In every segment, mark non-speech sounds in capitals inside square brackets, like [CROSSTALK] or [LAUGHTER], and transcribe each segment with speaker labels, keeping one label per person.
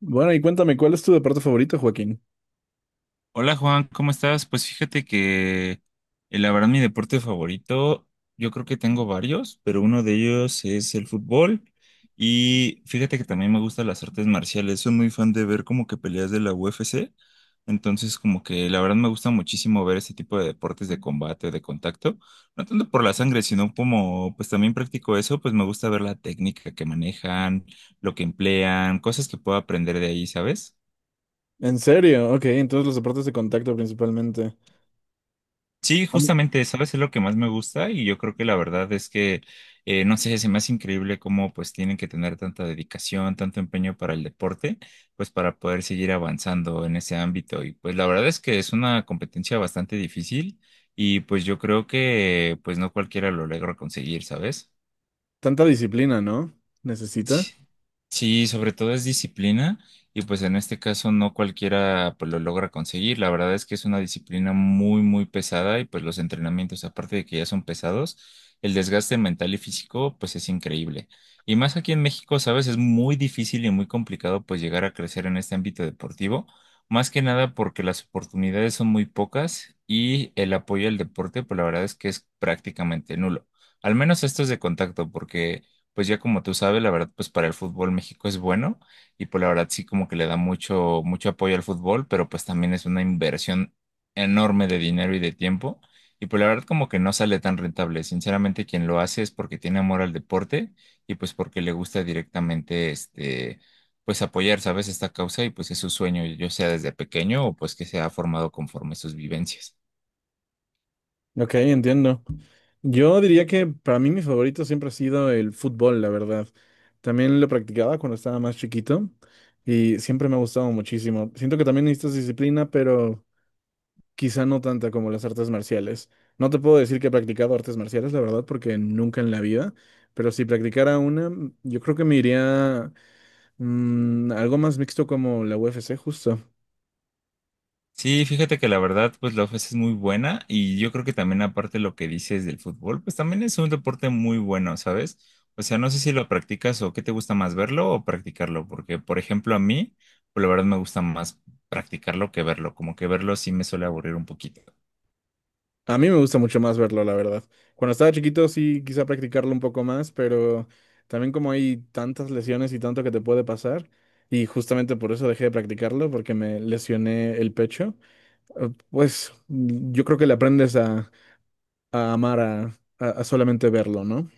Speaker 1: Bueno, y cuéntame, ¿cuál es tu deporte favorito, Joaquín?
Speaker 2: Hola Juan, ¿cómo estás? Pues fíjate que la verdad mi deporte favorito, yo creo que tengo varios, pero uno de ellos es el fútbol y fíjate que también me gustan las artes marciales, soy muy fan de ver como que peleas de la UFC, entonces como que la verdad me gusta muchísimo ver este tipo de deportes de combate, de contacto, no tanto por la sangre, sino como pues también practico eso, pues me gusta ver la técnica que manejan, lo que emplean, cosas que puedo aprender de ahí, ¿sabes?
Speaker 1: ¿En serio? Ok, entonces los deportes de contacto principalmente.
Speaker 2: Sí,
Speaker 1: Am-
Speaker 2: justamente, ¿sabes? Es lo que más me gusta y yo creo que la verdad es que, no sé, se me hace increíble cómo pues tienen que tener tanta dedicación, tanto empeño para el deporte, pues para poder seguir avanzando en ese ámbito. Y pues la verdad es que es una competencia bastante difícil y pues yo creo que pues no cualquiera lo logra conseguir, ¿sabes?
Speaker 1: Tanta disciplina, ¿no? ¿Necesita?
Speaker 2: Sí. Sí, sobre todo es disciplina y pues en este caso no cualquiera pues lo logra conseguir. La verdad es que es una disciplina muy muy pesada y pues los entrenamientos aparte de que ya son pesados, el desgaste mental y físico pues es increíble. Y más aquí en México, sabes, es muy difícil y muy complicado pues llegar a crecer en este ámbito deportivo, más que nada porque las oportunidades son muy pocas y el apoyo al deporte pues la verdad es que es prácticamente nulo. Al menos esto es de contacto porque pues ya como tú sabes, la verdad, pues para el fútbol México es bueno y pues la verdad sí como que le da mucho, mucho apoyo al fútbol, pero pues también es una inversión enorme de dinero y de tiempo y pues la verdad como que no sale tan rentable. Sinceramente, quien lo hace es porque tiene amor al deporte y pues porque le gusta directamente este, pues apoyar, ¿sabes? Esta causa y pues es su sueño, yo sea desde pequeño o pues que se ha formado conforme sus vivencias.
Speaker 1: Ok, entiendo. Yo diría que para mí mi favorito siempre ha sido el fútbol, la verdad. También lo practicaba cuando estaba más chiquito y siempre me ha gustado muchísimo. Siento que también necesitas disciplina, pero quizá no tanta como las artes marciales. No te puedo decir que he practicado artes marciales, la verdad, porque nunca en la vida, pero si practicara una, yo creo que me iría... algo más mixto como la UFC, justo.
Speaker 2: Sí, fíjate que la verdad, pues la ofensa es muy buena y yo creo que también aparte lo que dices del fútbol, pues también es un deporte muy bueno, ¿sabes? O sea, no sé si lo practicas o qué te gusta más verlo o practicarlo, porque por ejemplo a mí, pues la verdad me gusta más practicarlo que verlo, como que verlo sí me suele aburrir un poquito.
Speaker 1: A mí me gusta mucho más verlo, la verdad. Cuando estaba chiquito sí quise practicarlo un poco más, pero también como hay tantas lesiones y tanto que te puede pasar, y justamente por eso dejé de practicarlo, porque me lesioné el pecho, yo creo que le aprendes a amar a solamente verlo, ¿no?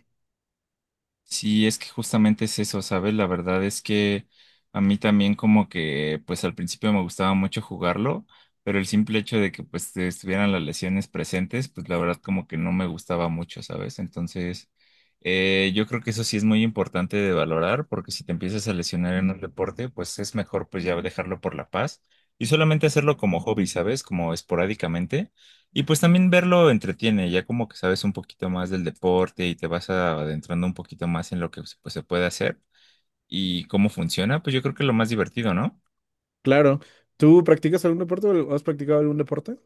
Speaker 2: Sí, es que justamente es eso, ¿sabes? La verdad es que a mí también como que pues al principio me gustaba mucho jugarlo, pero el simple hecho de que pues estuvieran las lesiones presentes, pues la verdad como que no me gustaba mucho, ¿sabes? Entonces, yo creo que eso sí es muy importante de valorar, porque si te empiezas a lesionar en un deporte, pues es mejor pues ya dejarlo por la paz y solamente hacerlo como hobby, ¿sabes? Como esporádicamente y pues también verlo entretiene, ya como que sabes un poquito más del deporte y te vas adentrando un poquito más en lo que pues, se puede hacer y cómo funciona, pues yo creo que es lo más divertido, ¿no?
Speaker 1: Claro. ¿Tú practicas algún deporte o has practicado algún deporte?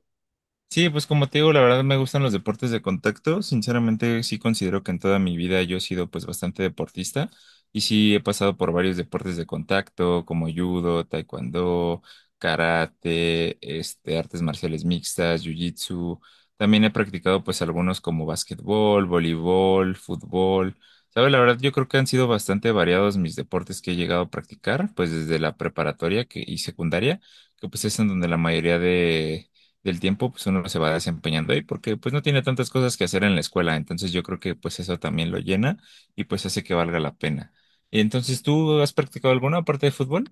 Speaker 2: Sí, pues como te digo, la verdad me gustan los deportes de contacto. Sinceramente, sí considero que en toda mi vida yo he sido pues bastante deportista y sí he pasado por varios deportes de contacto como judo, taekwondo, karate, este, artes marciales mixtas, jiu-jitsu. También he practicado pues algunos como básquetbol, voleibol, fútbol. ¿Sabes? La verdad yo creo que han sido bastante variados mis deportes que he llegado a practicar pues desde la preparatoria que, y secundaria, que pues es en donde la mayoría de del tiempo, pues uno se va desempeñando ahí porque pues no tiene tantas cosas que hacer en la escuela. Entonces yo creo que pues eso también lo llena y pues hace que valga la pena. Entonces, ¿tú has practicado alguna aparte de fútbol?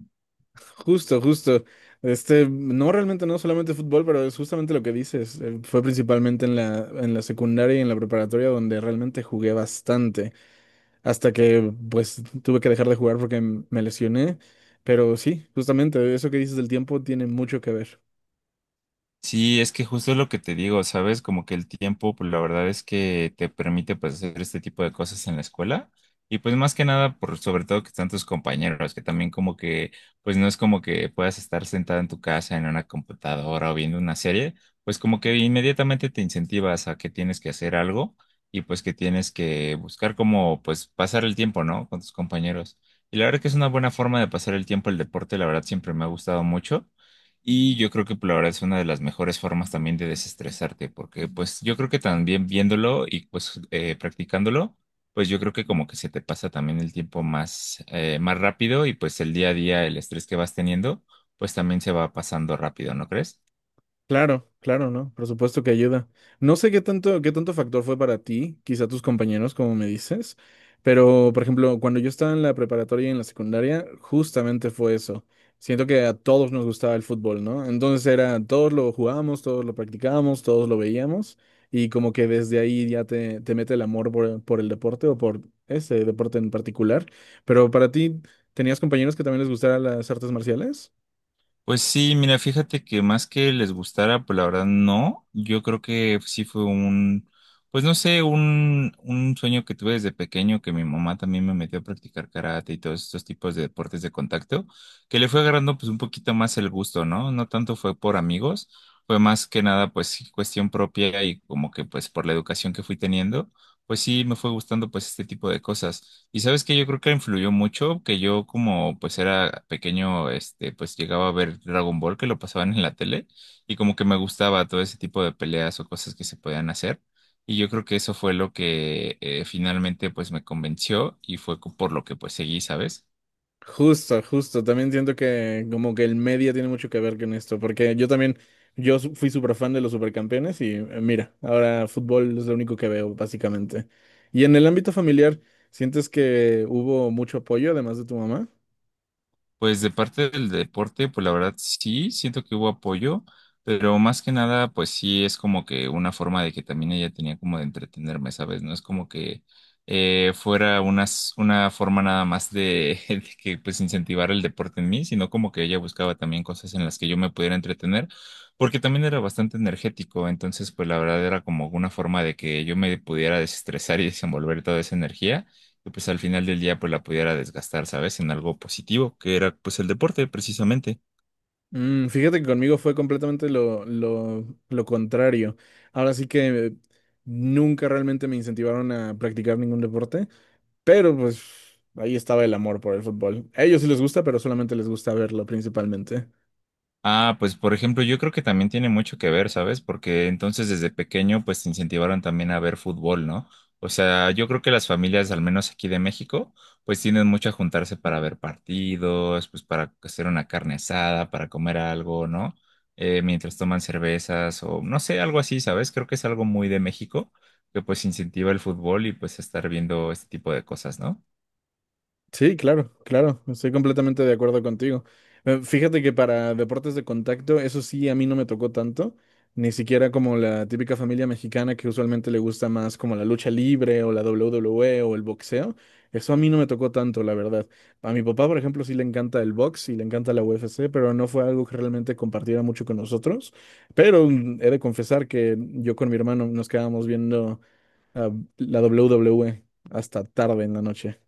Speaker 1: Justo, justo. Este, no realmente, no solamente fútbol, pero es justamente lo que dices. Fue principalmente en en la secundaria y en la preparatoria donde realmente jugué bastante, hasta que pues tuve que dejar de jugar porque me lesioné. Pero sí, justamente eso que dices del tiempo tiene mucho que ver.
Speaker 2: Sí, es que justo es lo que te digo, ¿sabes? Como que el tiempo, pues la verdad es que te permite pues hacer este tipo de cosas en la escuela y pues más que nada por sobre todo que están tus compañeros, que también como que pues no es como que puedas estar sentado en tu casa en una computadora o viendo una serie, pues como que inmediatamente te incentivas a que tienes que hacer algo y pues que tienes que buscar como pues pasar el tiempo, ¿no? Con tus compañeros. Y la verdad que es una buena forma de pasar el tiempo el deporte, la verdad siempre me ha gustado mucho. Y yo creo que pues, la verdad es una de las mejores formas también de desestresarte, porque pues yo creo que también viéndolo y pues practicándolo, pues yo creo que como que se te pasa también el tiempo más, más rápido y pues el día a día, el estrés que vas teniendo, pues también se va pasando rápido, ¿no crees?
Speaker 1: Claro, claro, ¿no? Por supuesto que ayuda. No sé qué tanto factor fue para ti, quizá tus compañeros, como me dices, pero por ejemplo, cuando yo estaba en la preparatoria y en la secundaria, justamente fue eso. Siento que a todos nos gustaba el fútbol, ¿no? Entonces era, todos lo jugábamos, todos lo practicábamos, todos lo veíamos, y como que desde ahí ya te mete el amor por el deporte o por ese deporte en particular. Pero para ti, ¿tenías compañeros que también les gustaran las artes marciales?
Speaker 2: Pues sí, mira, fíjate que más que les gustara, pues la verdad no. Yo creo que sí fue pues no sé, un sueño que tuve desde pequeño, que mi mamá también me metió a practicar karate y todos estos tipos de deportes de contacto, que le fue agarrando pues un poquito más el gusto, ¿no? No tanto fue por amigos, fue más que nada pues sí, cuestión propia y como que pues por la educación que fui teniendo, pues sí me fue gustando pues este tipo de cosas. Y sabes que yo creo que influyó mucho, que yo como pues era pequeño, este, pues llegaba a ver Dragon Ball que lo pasaban en la tele y como que me gustaba todo ese tipo de peleas o cosas que se podían hacer. Y yo creo que eso fue lo que finalmente pues me convenció y fue por lo que pues seguí, ¿sabes?
Speaker 1: Justo, justo. También siento que como que el media tiene mucho que ver con esto, porque yo también, fui súper fan de los supercampeones y mira, ahora fútbol es lo único que veo, básicamente. Y en el ámbito familiar, ¿sientes que hubo mucho apoyo además de tu mamá?
Speaker 2: Pues de parte del deporte, pues la verdad sí, siento que hubo apoyo, pero más que nada, pues sí es como que una forma de que también ella tenía como de entretenerme, ¿sabes? No es como que fuera una forma nada más de, [LAUGHS] de que pues incentivar el deporte en mí, sino como que ella buscaba también cosas en las que yo me pudiera entretener, porque también era bastante energético, entonces pues la verdad era como una forma de que yo me pudiera desestresar y desenvolver toda esa energía que pues al final del día pues la pudiera desgastar, ¿sabes? En algo positivo, que era pues el deporte precisamente.
Speaker 1: Fíjate que conmigo fue completamente lo contrario. Ahora sí que nunca realmente me incentivaron a practicar ningún deporte, pero pues ahí estaba el amor por el fútbol. A ellos sí les gusta, pero solamente les gusta verlo principalmente.
Speaker 2: Ah, pues por ejemplo, yo creo que también tiene mucho que ver, ¿sabes? Porque entonces desde pequeño pues te incentivaron también a ver fútbol, ¿no? O sea, yo creo que las familias, al menos aquí de México, pues tienden mucho a juntarse para ver partidos, pues para hacer una carne asada, para comer algo, ¿no? Mientras toman cervezas o no sé, algo así, ¿sabes? Creo que es algo muy de México que pues incentiva el fútbol y pues estar viendo este tipo de cosas, ¿no?
Speaker 1: Sí, claro, claro, estoy completamente de acuerdo contigo. Fíjate que para deportes de contacto, eso sí, a mí no me tocó tanto, ni siquiera como la típica familia mexicana que usualmente le gusta más como la lucha libre o la WWE o el boxeo. Eso a mí no me tocó tanto, la verdad. A mi papá, por ejemplo, sí le encanta el box y le encanta la UFC, pero no fue algo que realmente compartiera mucho con nosotros. Pero he de confesar que yo con mi hermano nos quedábamos viendo ah, la WWE hasta tarde en la noche.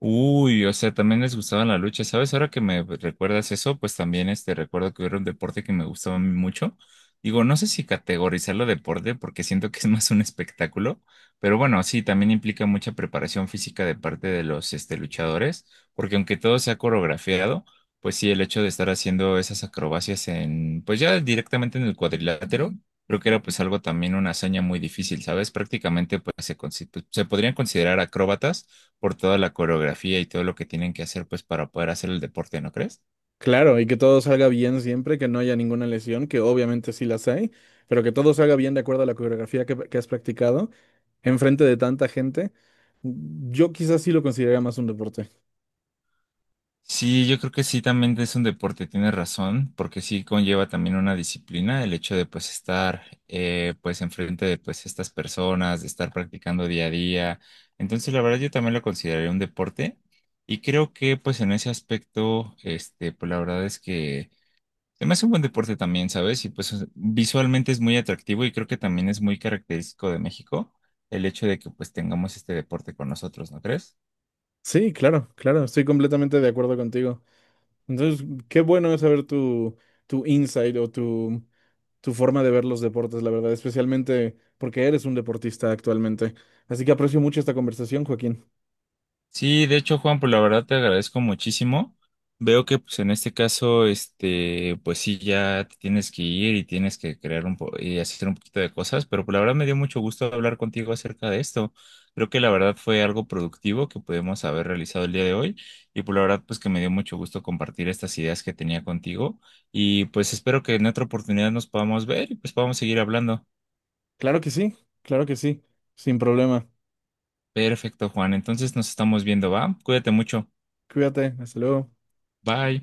Speaker 2: Uy, o sea, también les gustaba la lucha, ¿sabes? Ahora que me recuerdas eso, pues también este recuerdo que era un deporte que me gustaba a mí mucho. Digo, no sé si categorizarlo deporte porque siento que es más un espectáculo, pero bueno, sí, también implica mucha preparación física de parte de los este luchadores, porque aunque todo sea coreografiado, pues sí, el hecho de estar haciendo esas acrobacias en, pues ya directamente en el cuadrilátero, creo que era pues algo también una hazaña muy difícil, ¿sabes? Prácticamente pues se, se podrían considerar acróbatas por toda la coreografía y todo lo que tienen que hacer pues para poder hacer el deporte, ¿no crees?
Speaker 1: Claro, y que todo salga bien siempre, que no haya ninguna lesión, que obviamente sí las hay, pero que todo salga bien de acuerdo a la coreografía que has practicado enfrente de tanta gente. Yo quizás sí lo consideraría más un deporte.
Speaker 2: Sí, yo creo que sí también es un deporte, tienes razón, porque sí conlleva también una disciplina el hecho de pues estar pues enfrente de pues estas personas, de estar practicando día a día. Entonces, la verdad yo también lo consideraría un deporte y creo que pues en ese aspecto, este, pues la verdad es que se me hace un buen deporte también, ¿sabes? Y pues visualmente es muy atractivo y creo que también es muy característico de México el hecho de que pues tengamos este deporte con nosotros, ¿no crees?
Speaker 1: Sí, claro, claro, estoy completamente de acuerdo contigo. Entonces, qué bueno es saber tu insight o tu forma de ver los deportes, la verdad, especialmente porque eres un deportista actualmente. Así que aprecio mucho esta conversación, Joaquín.
Speaker 2: Sí, de hecho, Juan, pues la verdad te agradezco muchísimo. Veo que pues en este caso, este, pues sí, ya te tienes que ir y tienes que crear un po y hacer un poquito de cosas, pero pues la verdad me dio mucho gusto hablar contigo acerca de esto. Creo que la verdad fue algo productivo que pudimos haber realizado el día de hoy y pues la verdad pues que me dio mucho gusto compartir estas ideas que tenía contigo y pues espero que en otra oportunidad nos podamos ver y pues podamos seguir hablando.
Speaker 1: Claro que sí, claro que sí, sin problema.
Speaker 2: Perfecto, Juan. Entonces nos estamos viendo, ¿va? Cuídate mucho.
Speaker 1: Cuídate, hasta luego.
Speaker 2: Bye.